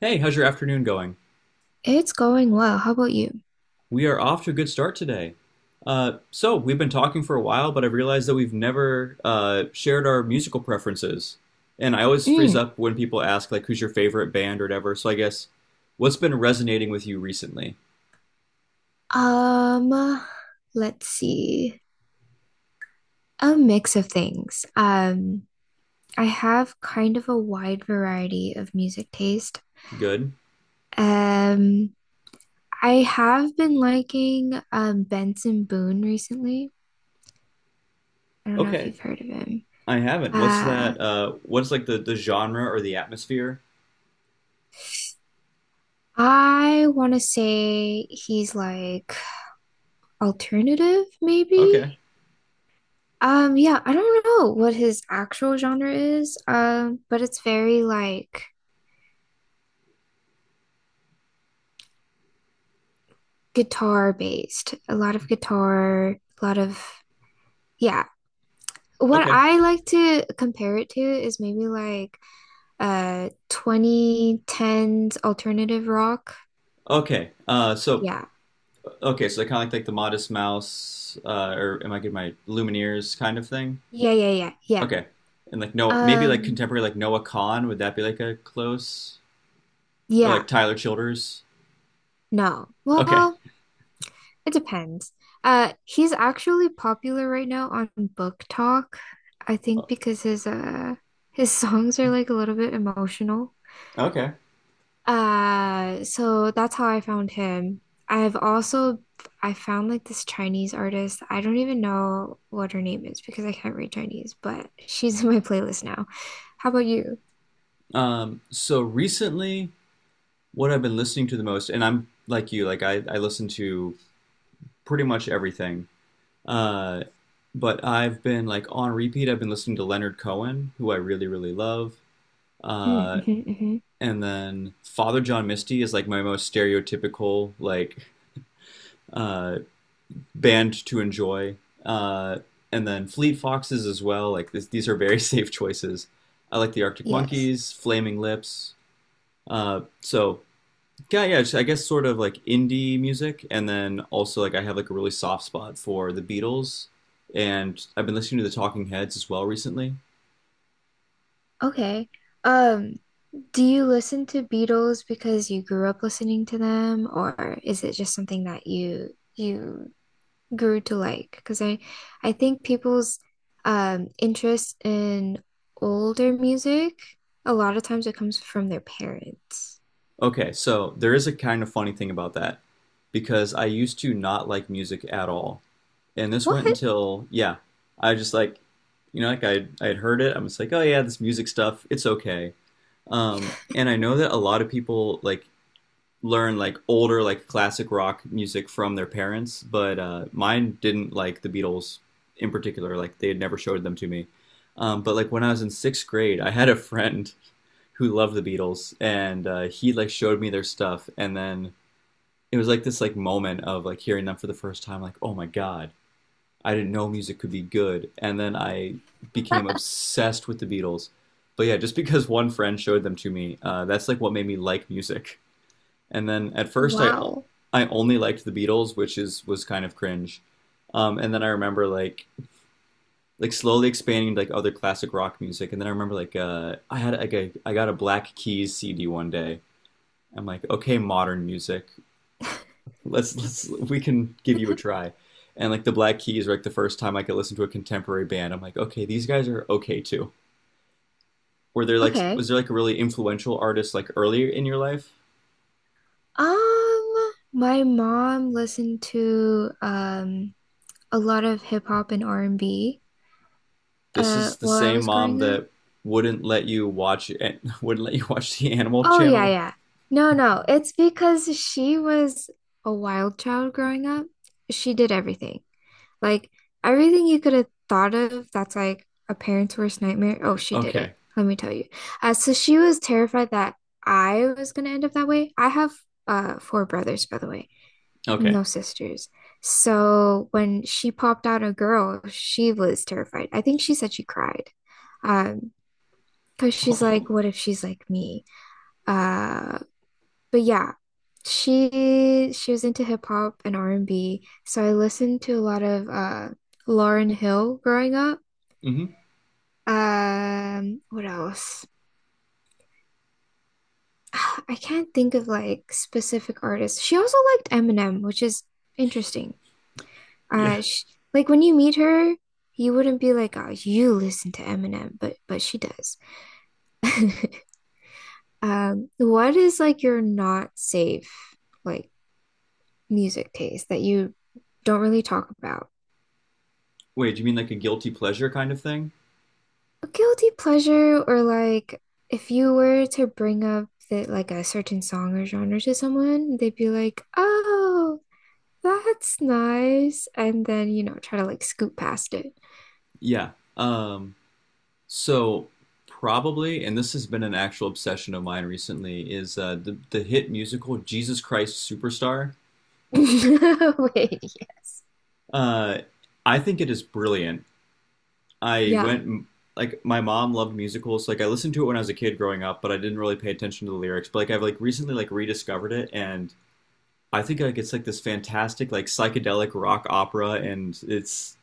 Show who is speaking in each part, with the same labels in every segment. Speaker 1: Hey, how's your afternoon going?
Speaker 2: It's going well. How about you?
Speaker 1: We are off to a good start today. So, we've been talking for a while, but I've realized that we've never shared our musical preferences. And I always freeze
Speaker 2: Mm.
Speaker 1: up when people ask, like, who's your favorite band or whatever. So, I guess, what's been resonating with you recently?
Speaker 2: Um, uh, let's see. A mix of things. I have kind of a wide variety of music taste.
Speaker 1: Good?
Speaker 2: Um, I have been liking Benson Boone recently. I don't know if
Speaker 1: Okay.
Speaker 2: you've heard of him.
Speaker 1: I haven't. What's
Speaker 2: Uh,
Speaker 1: that? What's like the genre or the atmosphere?
Speaker 2: I want to say he's like alternative, maybe.
Speaker 1: Okay.
Speaker 2: Yeah, I don't know what his actual genre is, but it's very like guitar based, a lot of guitar, a lot of yeah. What
Speaker 1: Okay.
Speaker 2: I like to compare it to is maybe like 2010s alternative rock.
Speaker 1: Okay. Uh, so,
Speaker 2: Yeah.
Speaker 1: okay, so kind of like the Modest Mouse, or am I getting my Lumineers kind of thing?
Speaker 2: Yeah, yeah, yeah, yeah.
Speaker 1: Okay. And like no maybe like
Speaker 2: Um,
Speaker 1: contemporary like Noah Kahn, would that be like a close or
Speaker 2: yeah,
Speaker 1: like Tyler Childers?
Speaker 2: no.
Speaker 1: Okay.
Speaker 2: Well, it depends. He's actually popular right now on Book Talk, I think because his songs are like a little bit emotional.
Speaker 1: Okay.
Speaker 2: So that's how I found him. I've also. I found like this Chinese artist. I don't even know what her name is because I can't read Chinese, but she's in my playlist now. How about you?
Speaker 1: So recently what I've been listening to the most, and I'm like you, like I listen to pretty much everything. Uh but I've been like on repeat I've been listening to Leonard Cohen, who I really, really love.
Speaker 2: Mm,
Speaker 1: Uh
Speaker 2: mhm, mhm.
Speaker 1: and then Father John Misty is like my most stereotypical like uh band to enjoy. Uh, and then Fleet Foxes as well. Like these are very safe choices. I like the Arctic
Speaker 2: Yes.
Speaker 1: Monkeys, Flaming Lips. So yeah, yeah. I guess sort of like indie music, and then also like I have like a really soft spot for the Beatles, and I've been listening to the Talking Heads as well recently.
Speaker 2: Okay. Um, do you listen to Beatles because you grew up listening to them, or is it just something that you grew to like because I think people's interest in older music a lot of times it comes from their parents.
Speaker 1: Okay, so there is a kind of funny thing about that because I used to not like music at all, and this
Speaker 2: What?
Speaker 1: went until, yeah, I just like like I had heard it. I'm just like, oh yeah, this music stuff, it's okay. And I know that a lot of people like learn like older like classic rock music from their parents, but mine didn't like the Beatles in particular. Like they had never showed them to me. But like when I was in sixth grade, I had a friend who loved the Beatles, and he like showed me their stuff, and then it was like this like moment of like hearing them for the first time, like, oh my god, I didn't know music could be good, and then I became obsessed with the Beatles. But yeah, just because one friend showed them to me, that's like what made me like music. And then at first, I I
Speaker 2: Wow.
Speaker 1: I only liked the Beatles, which is was kind of cringe. And then I remember like slowly expanding to like other classic rock music. And then I remember like I got a Black Keys CD one day. I'm like, okay, modern music, let's we can give you a try. And like the Black Keys were like the first time I could listen to a contemporary band. I'm like, okay, these guys are okay too. Were there like
Speaker 2: Okay.
Speaker 1: was there like a really influential artist like earlier in your life?
Speaker 2: My mom listened to a lot of hip hop and R&B
Speaker 1: This is the
Speaker 2: while I
Speaker 1: same
Speaker 2: was
Speaker 1: mom
Speaker 2: growing up.
Speaker 1: that wouldn't let you watch and wouldn't let you watch the Animal
Speaker 2: Oh yeah,
Speaker 1: Channel.
Speaker 2: yeah. No, no. It's because she was a wild child growing up. She did everything. Like everything you could have thought of that's like a parent's worst nightmare. Oh, she did it.
Speaker 1: Okay,
Speaker 2: Let me tell you. So she was terrified that I was gonna end up that way. I have four brothers, by the way.
Speaker 1: okay.
Speaker 2: No sisters. So when she popped out a girl, she was terrified. I think she said she cried. Um, because she's like,
Speaker 1: Oh,
Speaker 2: what if she's like me? Uh, but yeah, she was into hip hop and R&B. So I listened to a lot of Lauryn Hill growing up.
Speaker 1: mm-hmm.
Speaker 2: What else? I can't think of like specific artists. She also liked Eminem, which is interesting.
Speaker 1: Yeah.
Speaker 2: Sh Like when you meet her, you wouldn't be like, "Oh, you listen to Eminem," but she does. What is like your not safe like music taste that you don't really talk about?
Speaker 1: Wait, do you mean like a guilty pleasure kind of thing?
Speaker 2: A guilty pleasure or like if you were to bring up that like a certain song or genre to someone, they'd be like, "Oh, that's nice," and then you know try to like scoot past it.
Speaker 1: Yeah. Um, So probably, and this has been an actual obsession of mine recently, is the hit musical Jesus Christ Superstar.
Speaker 2: Wait, yes,
Speaker 1: Uh, I think it is brilliant. I
Speaker 2: yeah.
Speaker 1: went like my mom loved musicals. Like I listened to it when I was a kid growing up, but I didn't really pay attention to the lyrics. But like I've like recently like rediscovered it, and I think like it's like this fantastic like psychedelic rock opera, and it's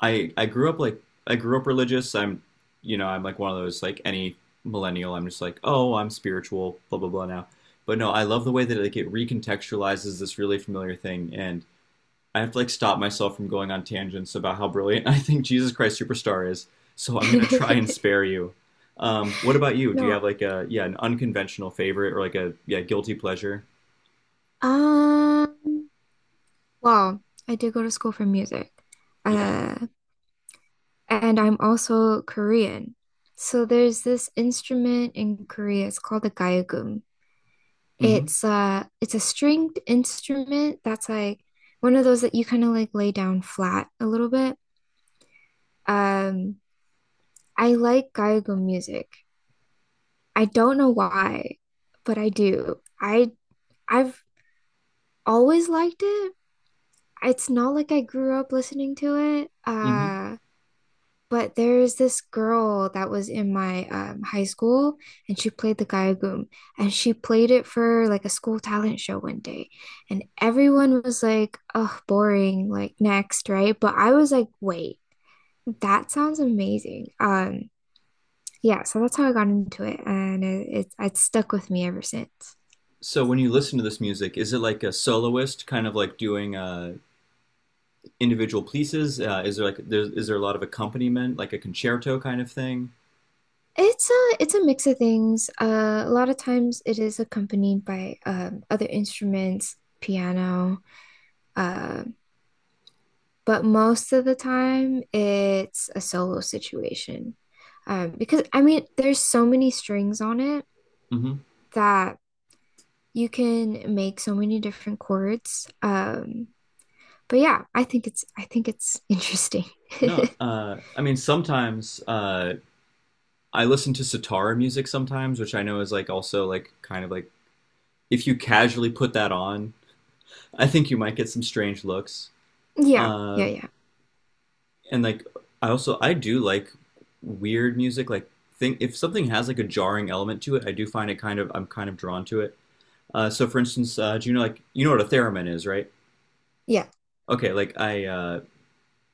Speaker 1: I grew up like I grew up religious. I'm you know I'm like one of those like any millennial. I'm just like, oh, I'm spiritual blah blah blah now. But no, I love the way that like it recontextualizes this really familiar thing, and I have to like stop myself from going on tangents about how brilliant I think Jesus Christ Superstar is. So I'm gonna try and spare you. What about you? Do you
Speaker 2: No.
Speaker 1: have like a, yeah, an unconventional favorite or like a, yeah, guilty pleasure?
Speaker 2: Um, well, I did go to school for music.
Speaker 1: Yeah.
Speaker 2: Uh, and I'm also Korean. So there's this instrument in Korea. It's called the gayagum.
Speaker 1: Mm-hmm.
Speaker 2: It's a stringed instrument that's like one of those that you kind of like lay down flat a little bit. Um, I like gayagum music. I don't know why, but I do. I've always liked it. It's not like I grew up listening to it.
Speaker 1: Mm-hmm.
Speaker 2: But there's this girl that was in my high school, and she played the gayagum, and she played it for like a school talent show one day, and everyone was like, "Oh, boring!" Like next, right? But I was like, "Wait, that sounds amazing." Yeah, so that's how I got into it, and it's stuck with me ever since.
Speaker 1: So when you listen to this music, is it like a soloist kind of like doing a individual pieces? Is there a lot of accompaniment, like a concerto kind of thing?
Speaker 2: It's a mix of things. A lot of times it is accompanied by other instruments, piano. Um but most of the time it's a solo situation. Because I mean, there's so many strings on it
Speaker 1: Hmm.
Speaker 2: that you can make so many different chords. But yeah, I think it's interesting.
Speaker 1: No, I mean sometimes I listen to sitar music sometimes, which I know is like also like kind of like, if you casually put that on, I think you might get some strange looks.
Speaker 2: Yeah,
Speaker 1: Uh,
Speaker 2: yeah, yeah,
Speaker 1: and like I also I do like weird music, like, think if something has like a jarring element to it, I do find it kind of, I'm kind of drawn to it. So for instance, do you know, like, you know what a theremin is, right?
Speaker 2: yeah.
Speaker 1: Okay, like I uh,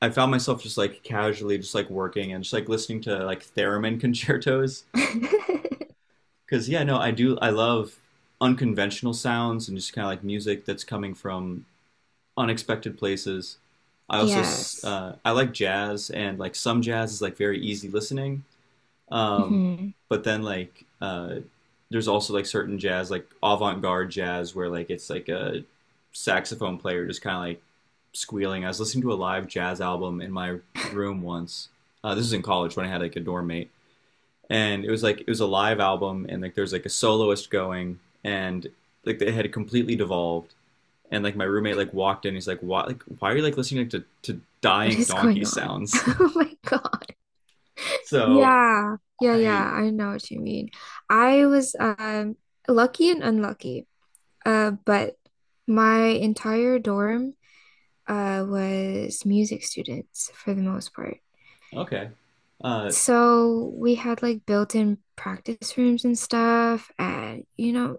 Speaker 1: I found myself just like casually just like working and just like listening to like theremin concertos because, yeah, no, I love unconventional sounds and just kind of like music that's coming from unexpected places. I also
Speaker 2: Yes.
Speaker 1: I like jazz, and like some jazz is like very easy listening, um,
Speaker 2: Mhm.
Speaker 1: but then like there's also like certain jazz, like avant-garde jazz, where like it's like a saxophone player just kind of like squealing. I was listening to a live jazz album in my room once. This is in college when I had like a dorm mate, and it was like, it was a live album, and like there's like a soloist going, and like they had completely devolved. And like my roommate like walked in, he's like, "Why? Like, why are you like listening to
Speaker 2: What
Speaker 1: dying
Speaker 2: is
Speaker 1: donkey
Speaker 2: going on?
Speaker 1: sounds?"
Speaker 2: Oh my God.
Speaker 1: so
Speaker 2: Yeah, yeah,
Speaker 1: I
Speaker 2: yeah. I know what you mean. I was lucky and unlucky. But my entire dorm was music students for the most part.
Speaker 1: okay, uh,
Speaker 2: So we had like built-in practice rooms and stuff, and you know,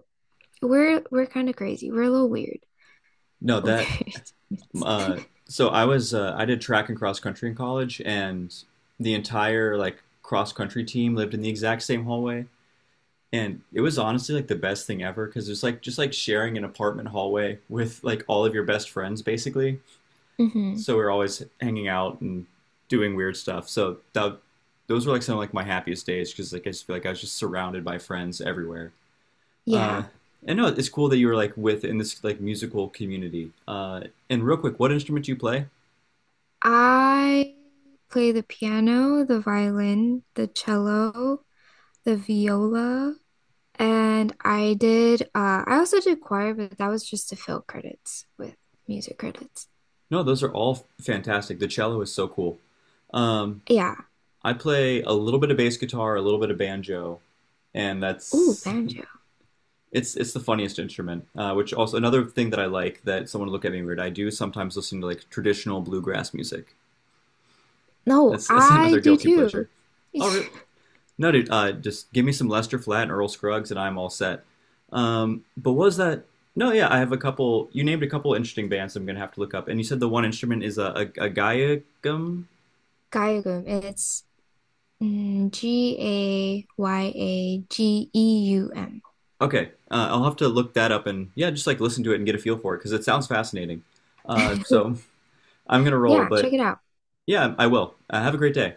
Speaker 2: we're kind of crazy. We're a little weird
Speaker 1: no,
Speaker 2: with
Speaker 1: that,
Speaker 2: our instruments.
Speaker 1: uh so I did track and cross country in college, and the entire like cross country team lived in the exact same hallway, and it was honestly like the best thing ever because it's like just like sharing an apartment hallway with like all of your best friends basically.
Speaker 2: hmm
Speaker 1: So we are always hanging out and doing weird stuff. So that, those were like some of like my happiest days because like I just feel like I was just surrounded by friends everywhere. Uh,
Speaker 2: Yeah.
Speaker 1: and no, it's cool that you were like with in this like musical community. And real quick, what instrument do you play?
Speaker 2: I play the piano, the violin, the cello, the viola, and I also did choir, but that was just to fill credits with music credits.
Speaker 1: No, those are all fantastic. The cello is so cool. Um,
Speaker 2: Yeah.
Speaker 1: I play a little bit of bass guitar, a little bit of banjo, and
Speaker 2: Ooh,
Speaker 1: that's
Speaker 2: banjo.
Speaker 1: it's the funniest instrument. Which also another thing that I like that someone would look at me weird. I do sometimes listen to like traditional bluegrass music.
Speaker 2: No,
Speaker 1: That's that's
Speaker 2: I
Speaker 1: another
Speaker 2: do
Speaker 1: guilty
Speaker 2: too.
Speaker 1: pleasure. Oh, really? No, dude, just give me some Lester Flat and Earl Scruggs, and I'm all set. But was that? No, yeah, I have a couple. You named a couple interesting bands I'm gonna have to look up, and you said the one instrument is a gaiagum.
Speaker 2: Gayageum. It's Gayageum
Speaker 1: Okay, I'll have to look that up and, yeah, just like listen to it and get a feel for it because it sounds fascinating. So I'm gonna roll,
Speaker 2: Yeah, check
Speaker 1: but
Speaker 2: it out.
Speaker 1: yeah, I will. Have a great day.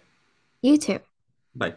Speaker 2: YouTube.
Speaker 1: Bye.